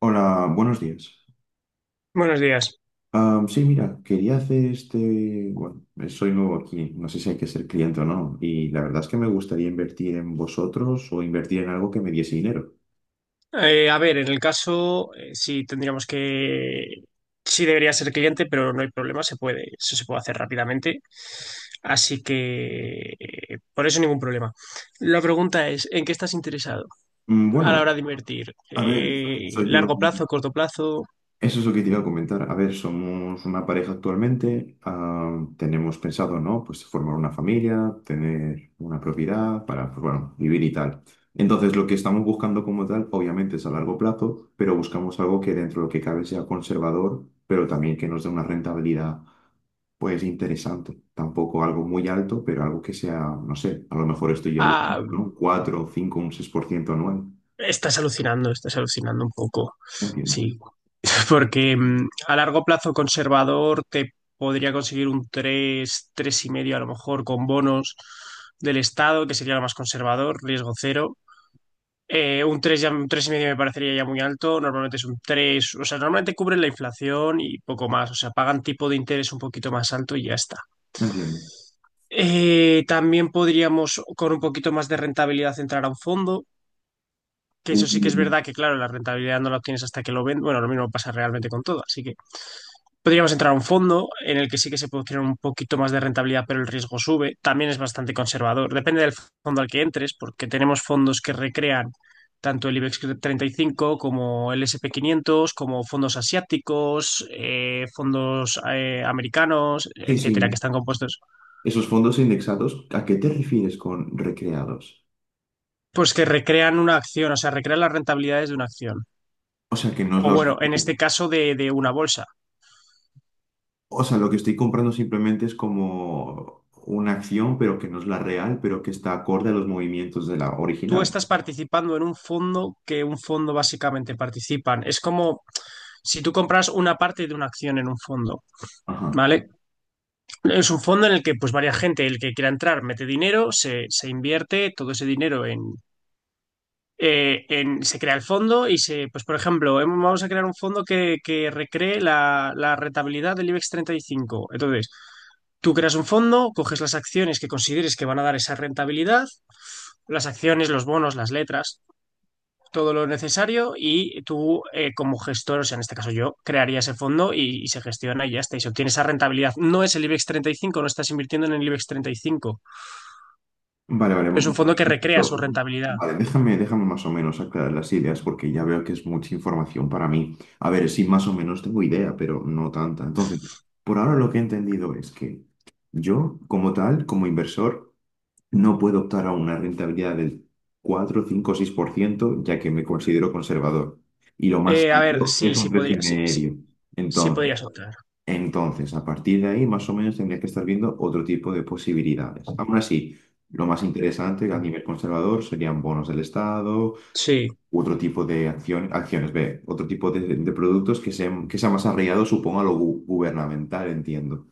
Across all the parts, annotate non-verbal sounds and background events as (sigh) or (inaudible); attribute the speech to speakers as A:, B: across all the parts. A: Hola, buenos días.
B: Buenos días.
A: Sí, mira, quería hacer este, bueno, soy nuevo aquí, no sé si hay que ser cliente o no, y la verdad es que me gustaría invertir en vosotros o invertir en algo que me diese dinero.
B: A ver, en el caso, sí debería ser cliente, pero no hay problema, se puede, eso se puede hacer rápidamente. Así que por eso ningún problema. La pregunta es, ¿en qué estás interesado a la
A: Bueno,
B: hora de invertir?
A: a ver, soy
B: ¿Largo
A: un,
B: plazo, corto plazo?
A: Eso es lo que te iba a comentar. A ver, somos una pareja actualmente, tenemos pensado, ¿no? Pues formar una familia, tener una propiedad para, pues, bueno, vivir y tal. Entonces, lo que estamos buscando como tal, obviamente es a largo plazo, pero buscamos algo que dentro de lo que cabe sea conservador, pero también que nos dé una rentabilidad, pues, interesante. Tampoco algo muy alto, pero algo que sea, no sé, a lo mejor estoy yo alucinando,
B: Ah,
A: ¿no? Un 4, 5, un 6% anual.
B: estás alucinando un poco.
A: Entiendo.
B: Sí. Porque a largo plazo conservador te podría conseguir un tres, tres y medio a lo mejor con bonos del Estado, que sería lo más conservador, riesgo cero. Un 3 ya, un tres y medio me parecería ya muy alto, normalmente es un tres, o sea, normalmente cubren la inflación y poco más, o sea, pagan tipo de interés un poquito más alto y ya está.
A: Entiendo.
B: También podríamos con un poquito más de rentabilidad entrar a un fondo, que
A: Uh,
B: eso sí que es verdad que claro, la rentabilidad no la obtienes hasta que lo vendes, bueno, lo mismo pasa realmente con todo, así que. Podríamos entrar a un fondo en el que sí que se puede obtener un poquito más de rentabilidad, pero el riesgo sube. También es bastante conservador. Depende del fondo al que entres, porque tenemos fondos que recrean tanto el IBEX 35 como el S&P 500, como fondos asiáticos, fondos americanos,
A: sí,
B: etcétera, que
A: sí.
B: están compuestos,
A: Esos fondos indexados, ¿a qué te refieres con recreados?
B: pues que recrean una acción, o sea, recrean las rentabilidades de una acción.
A: O sea, que no es
B: O
A: la
B: bueno, en
A: original.
B: este caso de una bolsa.
A: O sea, lo que estoy comprando simplemente es como una acción, pero que no es la real, pero que está acorde a los movimientos de la
B: Tú
A: original.
B: estás participando en un fondo que un fondo básicamente participan. Es como si tú compras una parte de una acción en un fondo,
A: Ajá.
B: ¿vale? Es un fondo en el que pues varia gente, el que quiera entrar, mete dinero, se invierte todo ese dinero se crea el fondo y pues por ejemplo, vamos a crear un fondo que recree la rentabilidad del IBEX 35. Entonces, tú creas un fondo, coges las acciones que consideres que van a dar esa rentabilidad, las acciones, los bonos, las letras todo lo necesario y tú como gestor, o sea, en este caso yo, crearía ese fondo y se gestiona y ya está, y se obtiene esa rentabilidad. No es el IBEX 35. No estás invirtiendo en el IBEX 35,
A: Vale, vale.
B: pero es un fondo que recrea su
A: Lo-
B: rentabilidad.
A: Vale, déjame, déjame más o menos aclarar las ideas porque ya veo que es mucha información para mí. A ver, sí, más o menos tengo idea, pero no tanta. Entonces, por ahora lo que he entendido es que yo, como tal, como inversor, no puedo optar a una rentabilidad del cuatro, cinco, 6%, ya que me considero conservador. Y lo más
B: A ver,
A: alto
B: sí,
A: es un
B: sí podría, sí, sí,
A: 3,5%.
B: sí
A: Entonces,
B: podría soltar.
A: entonces, a partir de ahí, más o menos, tendría que estar viendo otro tipo de posibilidades. Aún así, lo más interesante a nivel conservador serían bonos del Estado,
B: Sí.
A: u otro tipo de acción acciones, ve, otro tipo de productos que sean más arraigados, supongo, a lo gubernamental, entiendo.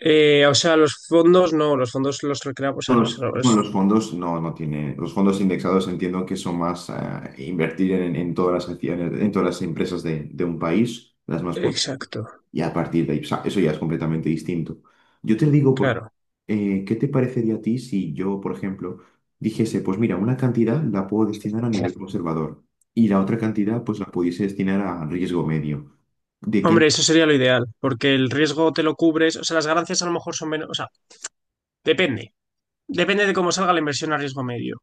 B: O sea, los fondos no, los fondos los recreamos. O
A: No,
B: sea,
A: los fondos no, no tienen. Los fondos indexados entiendo que son más invertir en todas las acciones, en todas las empresas de un país, las más potentes,
B: exacto,
A: y a partir de ahí, o sea, eso ya es completamente distinto. Yo te digo,
B: claro.
A: ¿qué te parecería a ti si yo, por ejemplo, dijese, pues mira, una cantidad la puedo destinar a nivel conservador y la otra cantidad, pues la pudiese destinar a riesgo medio? ¿De quién?
B: Hombre, eso sería lo ideal, porque el riesgo te lo cubres, o sea, las ganancias a lo mejor son menos, o sea, depende. Depende de cómo salga la inversión a riesgo medio.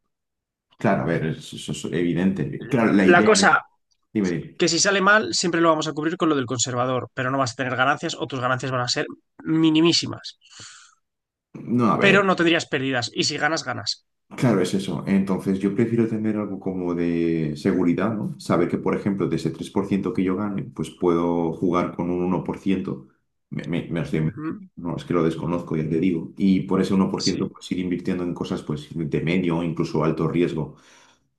A: Claro, a ver, eso es evidente. Claro, la
B: La
A: idea.
B: cosa
A: Dime, dime.
B: que si sale mal, siempre lo vamos a cubrir con lo del conservador, pero no vas a tener ganancias o tus ganancias van a ser minimísimas,
A: No, a
B: pero
A: ver.
B: no tendrías pérdidas y si ganas, ganas.
A: Claro, es eso. Entonces, yo prefiero tener algo como de seguridad, ¿no? Saber que, por ejemplo, de ese 3% que yo gane, pues puedo jugar con un 1%. Me lo estoy inventando.
B: Ujú,
A: No, es que lo desconozco, ya te digo. Y por ese 1%
B: sí,
A: pues ir invirtiendo en cosas, pues, de medio o incluso alto riesgo.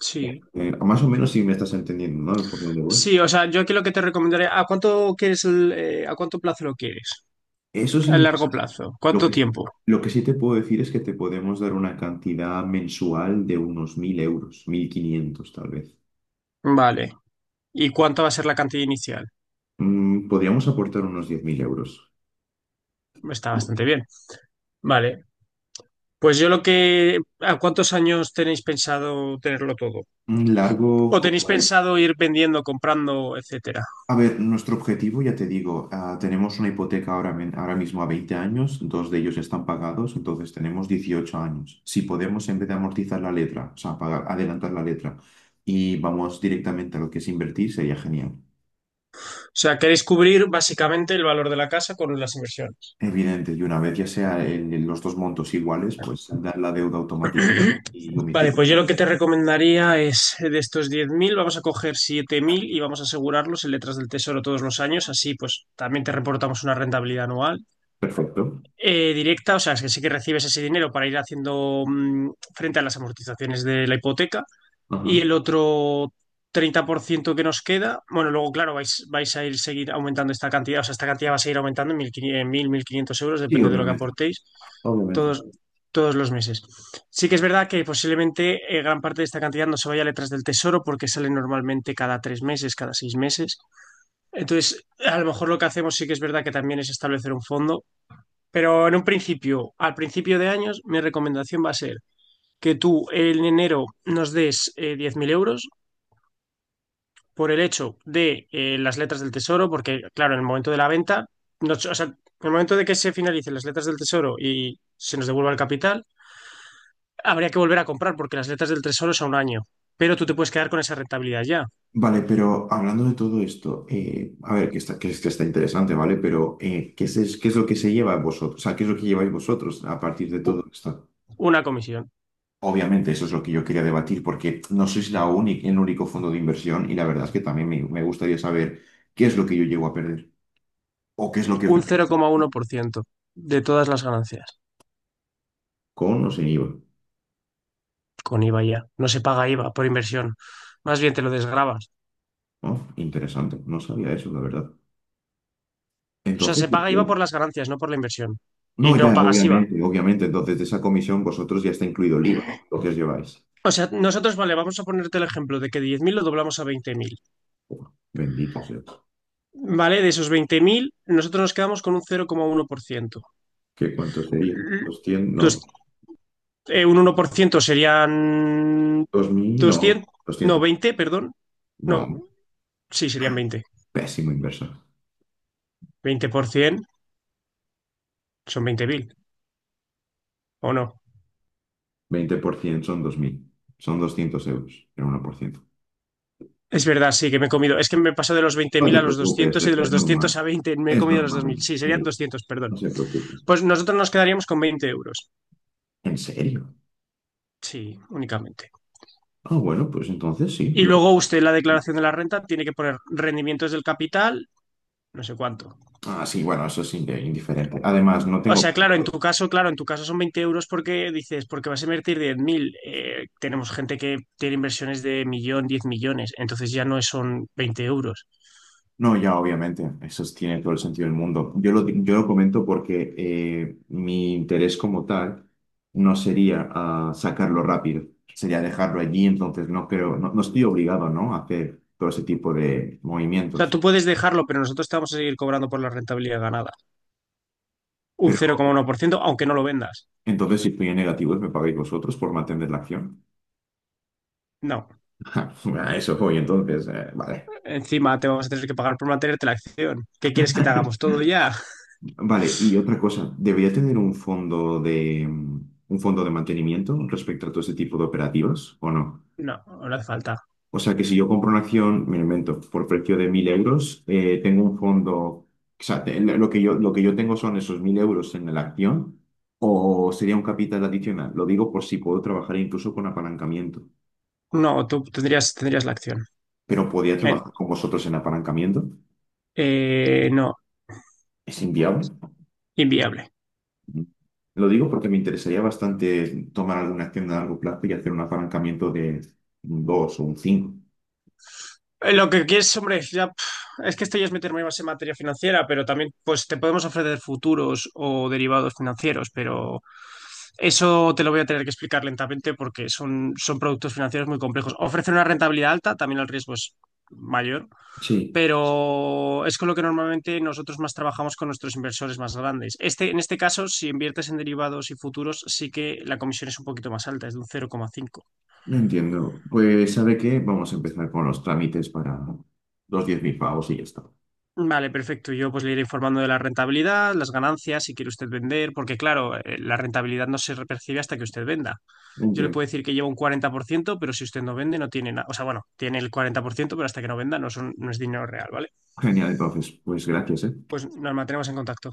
B: sí.
A: Más o menos si me estás entendiendo, ¿no? Por dónde voy.
B: Sí, o sea, yo aquí lo que te recomendaré, ¿a cuánto quieres a cuánto plazo lo quieres?
A: Eso
B: ¿A
A: sí,
B: largo plazo?
A: lo
B: ¿Cuánto
A: que, sí,
B: tiempo?
A: lo que sí te puedo decir es que te podemos dar una cantidad mensual de unos 1.000 euros, 1.500 tal vez.
B: Vale. ¿Y cuánto va a ser la cantidad inicial?
A: Podríamos aportar unos 10.000 euros.
B: Está bastante bien. Vale. Pues yo lo que, ¿a cuántos años tenéis pensado tenerlo todo?
A: Un
B: ¿O
A: largo, como
B: tenéis
A: la... hi-
B: pensado ir vendiendo, comprando, etcétera?
A: A ver, nuestro objetivo, ya te digo, tenemos una hipoteca ahora, ahora mismo a 20 años, dos de ellos están pagados, entonces tenemos 18 años. Si podemos, en vez de amortizar la letra, o sea, pagar, adelantar la letra, y vamos directamente a lo que es invertir, sería genial.
B: O sea, queréis cubrir básicamente el valor de la casa con las inversiones.
A: Evidente, y una vez ya sea en los dos montos iguales, pues saldar la deuda automática y
B: Vale,
A: omitir.
B: pues yo lo que te recomendaría es de estos 10.000 vamos a coger 7.000 y vamos a asegurarlos en letras del tesoro todos los años. Así, pues también te reportamos una rentabilidad anual
A: Perfecto.
B: directa. O sea, es que sí que recibes ese dinero para ir haciendo frente a las amortizaciones de la hipoteca. Y
A: Ajá.
B: el otro 30% que nos queda, bueno, luego, claro, vais a ir seguir aumentando esta cantidad, o sea, esta cantidad va a seguir aumentando en 1.500, en mil quinientos euros,
A: Sí,
B: depende de lo que
A: obviamente.
B: aportéis,
A: Obviamente.
B: todos, todos los meses. Sí que es verdad que posiblemente gran parte de esta cantidad no se vaya a letras del tesoro porque sale normalmente cada 3 meses, cada 6 meses. Entonces, a lo mejor lo que hacemos sí que es verdad que también es establecer un fondo, pero en un principio, al principio de años, mi recomendación va a ser que tú en enero nos des 10.000 euros por el hecho de las letras del tesoro, porque claro, en el momento de la venta, o sea, en el momento de que se finalicen las letras del tesoro y se nos devuelva el capital, habría que volver a comprar porque las letras del tesoro son un año, pero tú te puedes quedar con esa rentabilidad ya.
A: Vale, pero hablando de todo esto, a ver, que está, que, que está interesante, ¿vale? Pero qué es lo que se lleva vosotros? O sea, ¿qué es lo que lleváis vosotros a partir de
B: U-
A: todo esto?
B: una comisión,
A: Obviamente, eso es lo que yo quería debatir, porque no sois la única, el único fondo de inversión y la verdad es que también me gustaría saber qué es lo que yo llego a perder o qué es lo que
B: un
A: ofrecéis
B: 0,1% de todas las ganancias,
A: con o sin IVA.
B: con IVA ya. No se paga IVA por inversión, más bien te lo desgravas.
A: Oh, interesante, no sabía eso, la verdad.
B: O sea,
A: Entonces,
B: se paga IVA por las ganancias, no por la inversión. Y
A: no,
B: no
A: ya,
B: pagas IVA.
A: obviamente, obviamente, entonces de esa comisión vosotros ya está incluido el IVA, lo que os lleváis.
B: O sea, nosotros, vale, vamos a ponerte el ejemplo de que 10.000 lo doblamos a 20.000.
A: Uf, bendito sea.
B: ¿Vale? De esos 20.000 nosotros nos quedamos con un cero coma uno por ciento.
A: ¿Qué cuánto sería? 200
B: Entonces,
A: no,
B: un 1% serían
A: 2.000 no,
B: 200, no,
A: 200.
B: 20, perdón.
A: No,
B: No, sí, serían 20.
A: pésimo inversor.
B: 20 por 20% son 20.000, ¿o no?
A: 20% son 2.000, son 200 euros, el 1%.
B: Es verdad, sí, que me he comido. Es que me he pasado de los veinte
A: No
B: mil
A: te
B: a los
A: preocupes,
B: 200 y
A: es
B: de
A: es
B: los 200
A: normal.
B: a 20. Me he
A: Es
B: comido los 2.000.
A: normal,
B: Sí, serían
A: sí,
B: 200, perdón.
A: no se preocupen.
B: Pues nosotros nos quedaríamos con 20 euros.
A: ¿En serio?
B: Sí, únicamente.
A: Ah, bueno, pues entonces sí.
B: Y luego usted en la declaración de la renta tiene que poner rendimientos del capital, no sé cuánto.
A: Ah, sí, bueno, eso es indiferente. Además, no
B: O
A: tengo.
B: sea, claro, en tu caso, claro, en tu caso son 20 euros porque dices, porque vas a invertir 10.000. Tenemos gente que tiene inversiones de millón, 10 millones, entonces ya no son 20 euros.
A: No, ya obviamente, eso tiene todo el sentido del mundo. Yo lo comento porque mi interés como tal no sería sacarlo rápido, sería dejarlo allí, entonces no creo, no, no estoy obligado, ¿no? a hacer todo ese tipo de
B: O sea,
A: movimientos.
B: tú puedes dejarlo, pero nosotros te vamos a seguir cobrando por la rentabilidad ganada. Un cero
A: Pero
B: coma uno por ciento, aunque no lo vendas.
A: entonces si estoy en negativos, me pagáis vosotros por mantener la acción.
B: No.
A: (laughs) A eso voy, entonces, vale.
B: Encima te vamos a tener que pagar por mantenerte la acción. ¿Qué quieres que te hagamos todo ya? (laughs)
A: Vale, y otra cosa, ¿debería tener un fondo de mantenimiento respecto a todo ese tipo de operativas o no?
B: No, no hace falta.
A: O sea que si yo compro una acción, me lo invento, por precio de 1.000 euros, tengo un fondo, o sea, lo que yo tengo son esos 1.000 euros en la acción, o sería un capital adicional. Lo digo por si puedo trabajar incluso con apalancamiento,
B: No, tú tendrías la acción.
A: pero podría
B: Eh,
A: trabajar con vosotros en apalancamiento.
B: no,
A: ¿Es inviable?
B: inviable.
A: Lo digo porque me interesaría bastante tomar alguna acción a largo plazo y hacer un apalancamiento de un 2 o un 5.
B: Lo que quieres, hombre, ya, pf, es que esto ya es meterme más en materia financiera, pero también pues te podemos ofrecer futuros o derivados financieros, pero eso te lo voy a tener que explicar lentamente porque son productos financieros muy complejos. Ofrecen una rentabilidad alta, también el riesgo es mayor,
A: Sí.
B: pero es con lo que normalmente nosotros más trabajamos con nuestros inversores más grandes. Este, en este caso, si inviertes en derivados y futuros, sí que la comisión es un poquito más alta, es de un 0,5.
A: No entiendo. Pues, ¿sabe qué? Vamos a empezar con los trámites para los 10.000 pavos y ya está.
B: Vale, perfecto. Yo pues le iré informando de la rentabilidad, las ganancias, si quiere usted vender, porque claro, la rentabilidad no se percibe hasta que usted venda. Yo le
A: Entiendo.
B: puedo decir que lleva un 40% pero si usted no vende no tiene nada. O sea, bueno, tiene el 40% pero hasta que no venda no, son, no es dinero real, ¿vale?
A: Genial, entonces. Pues gracias, ¿eh?
B: Pues Norma, tenemos en contacto.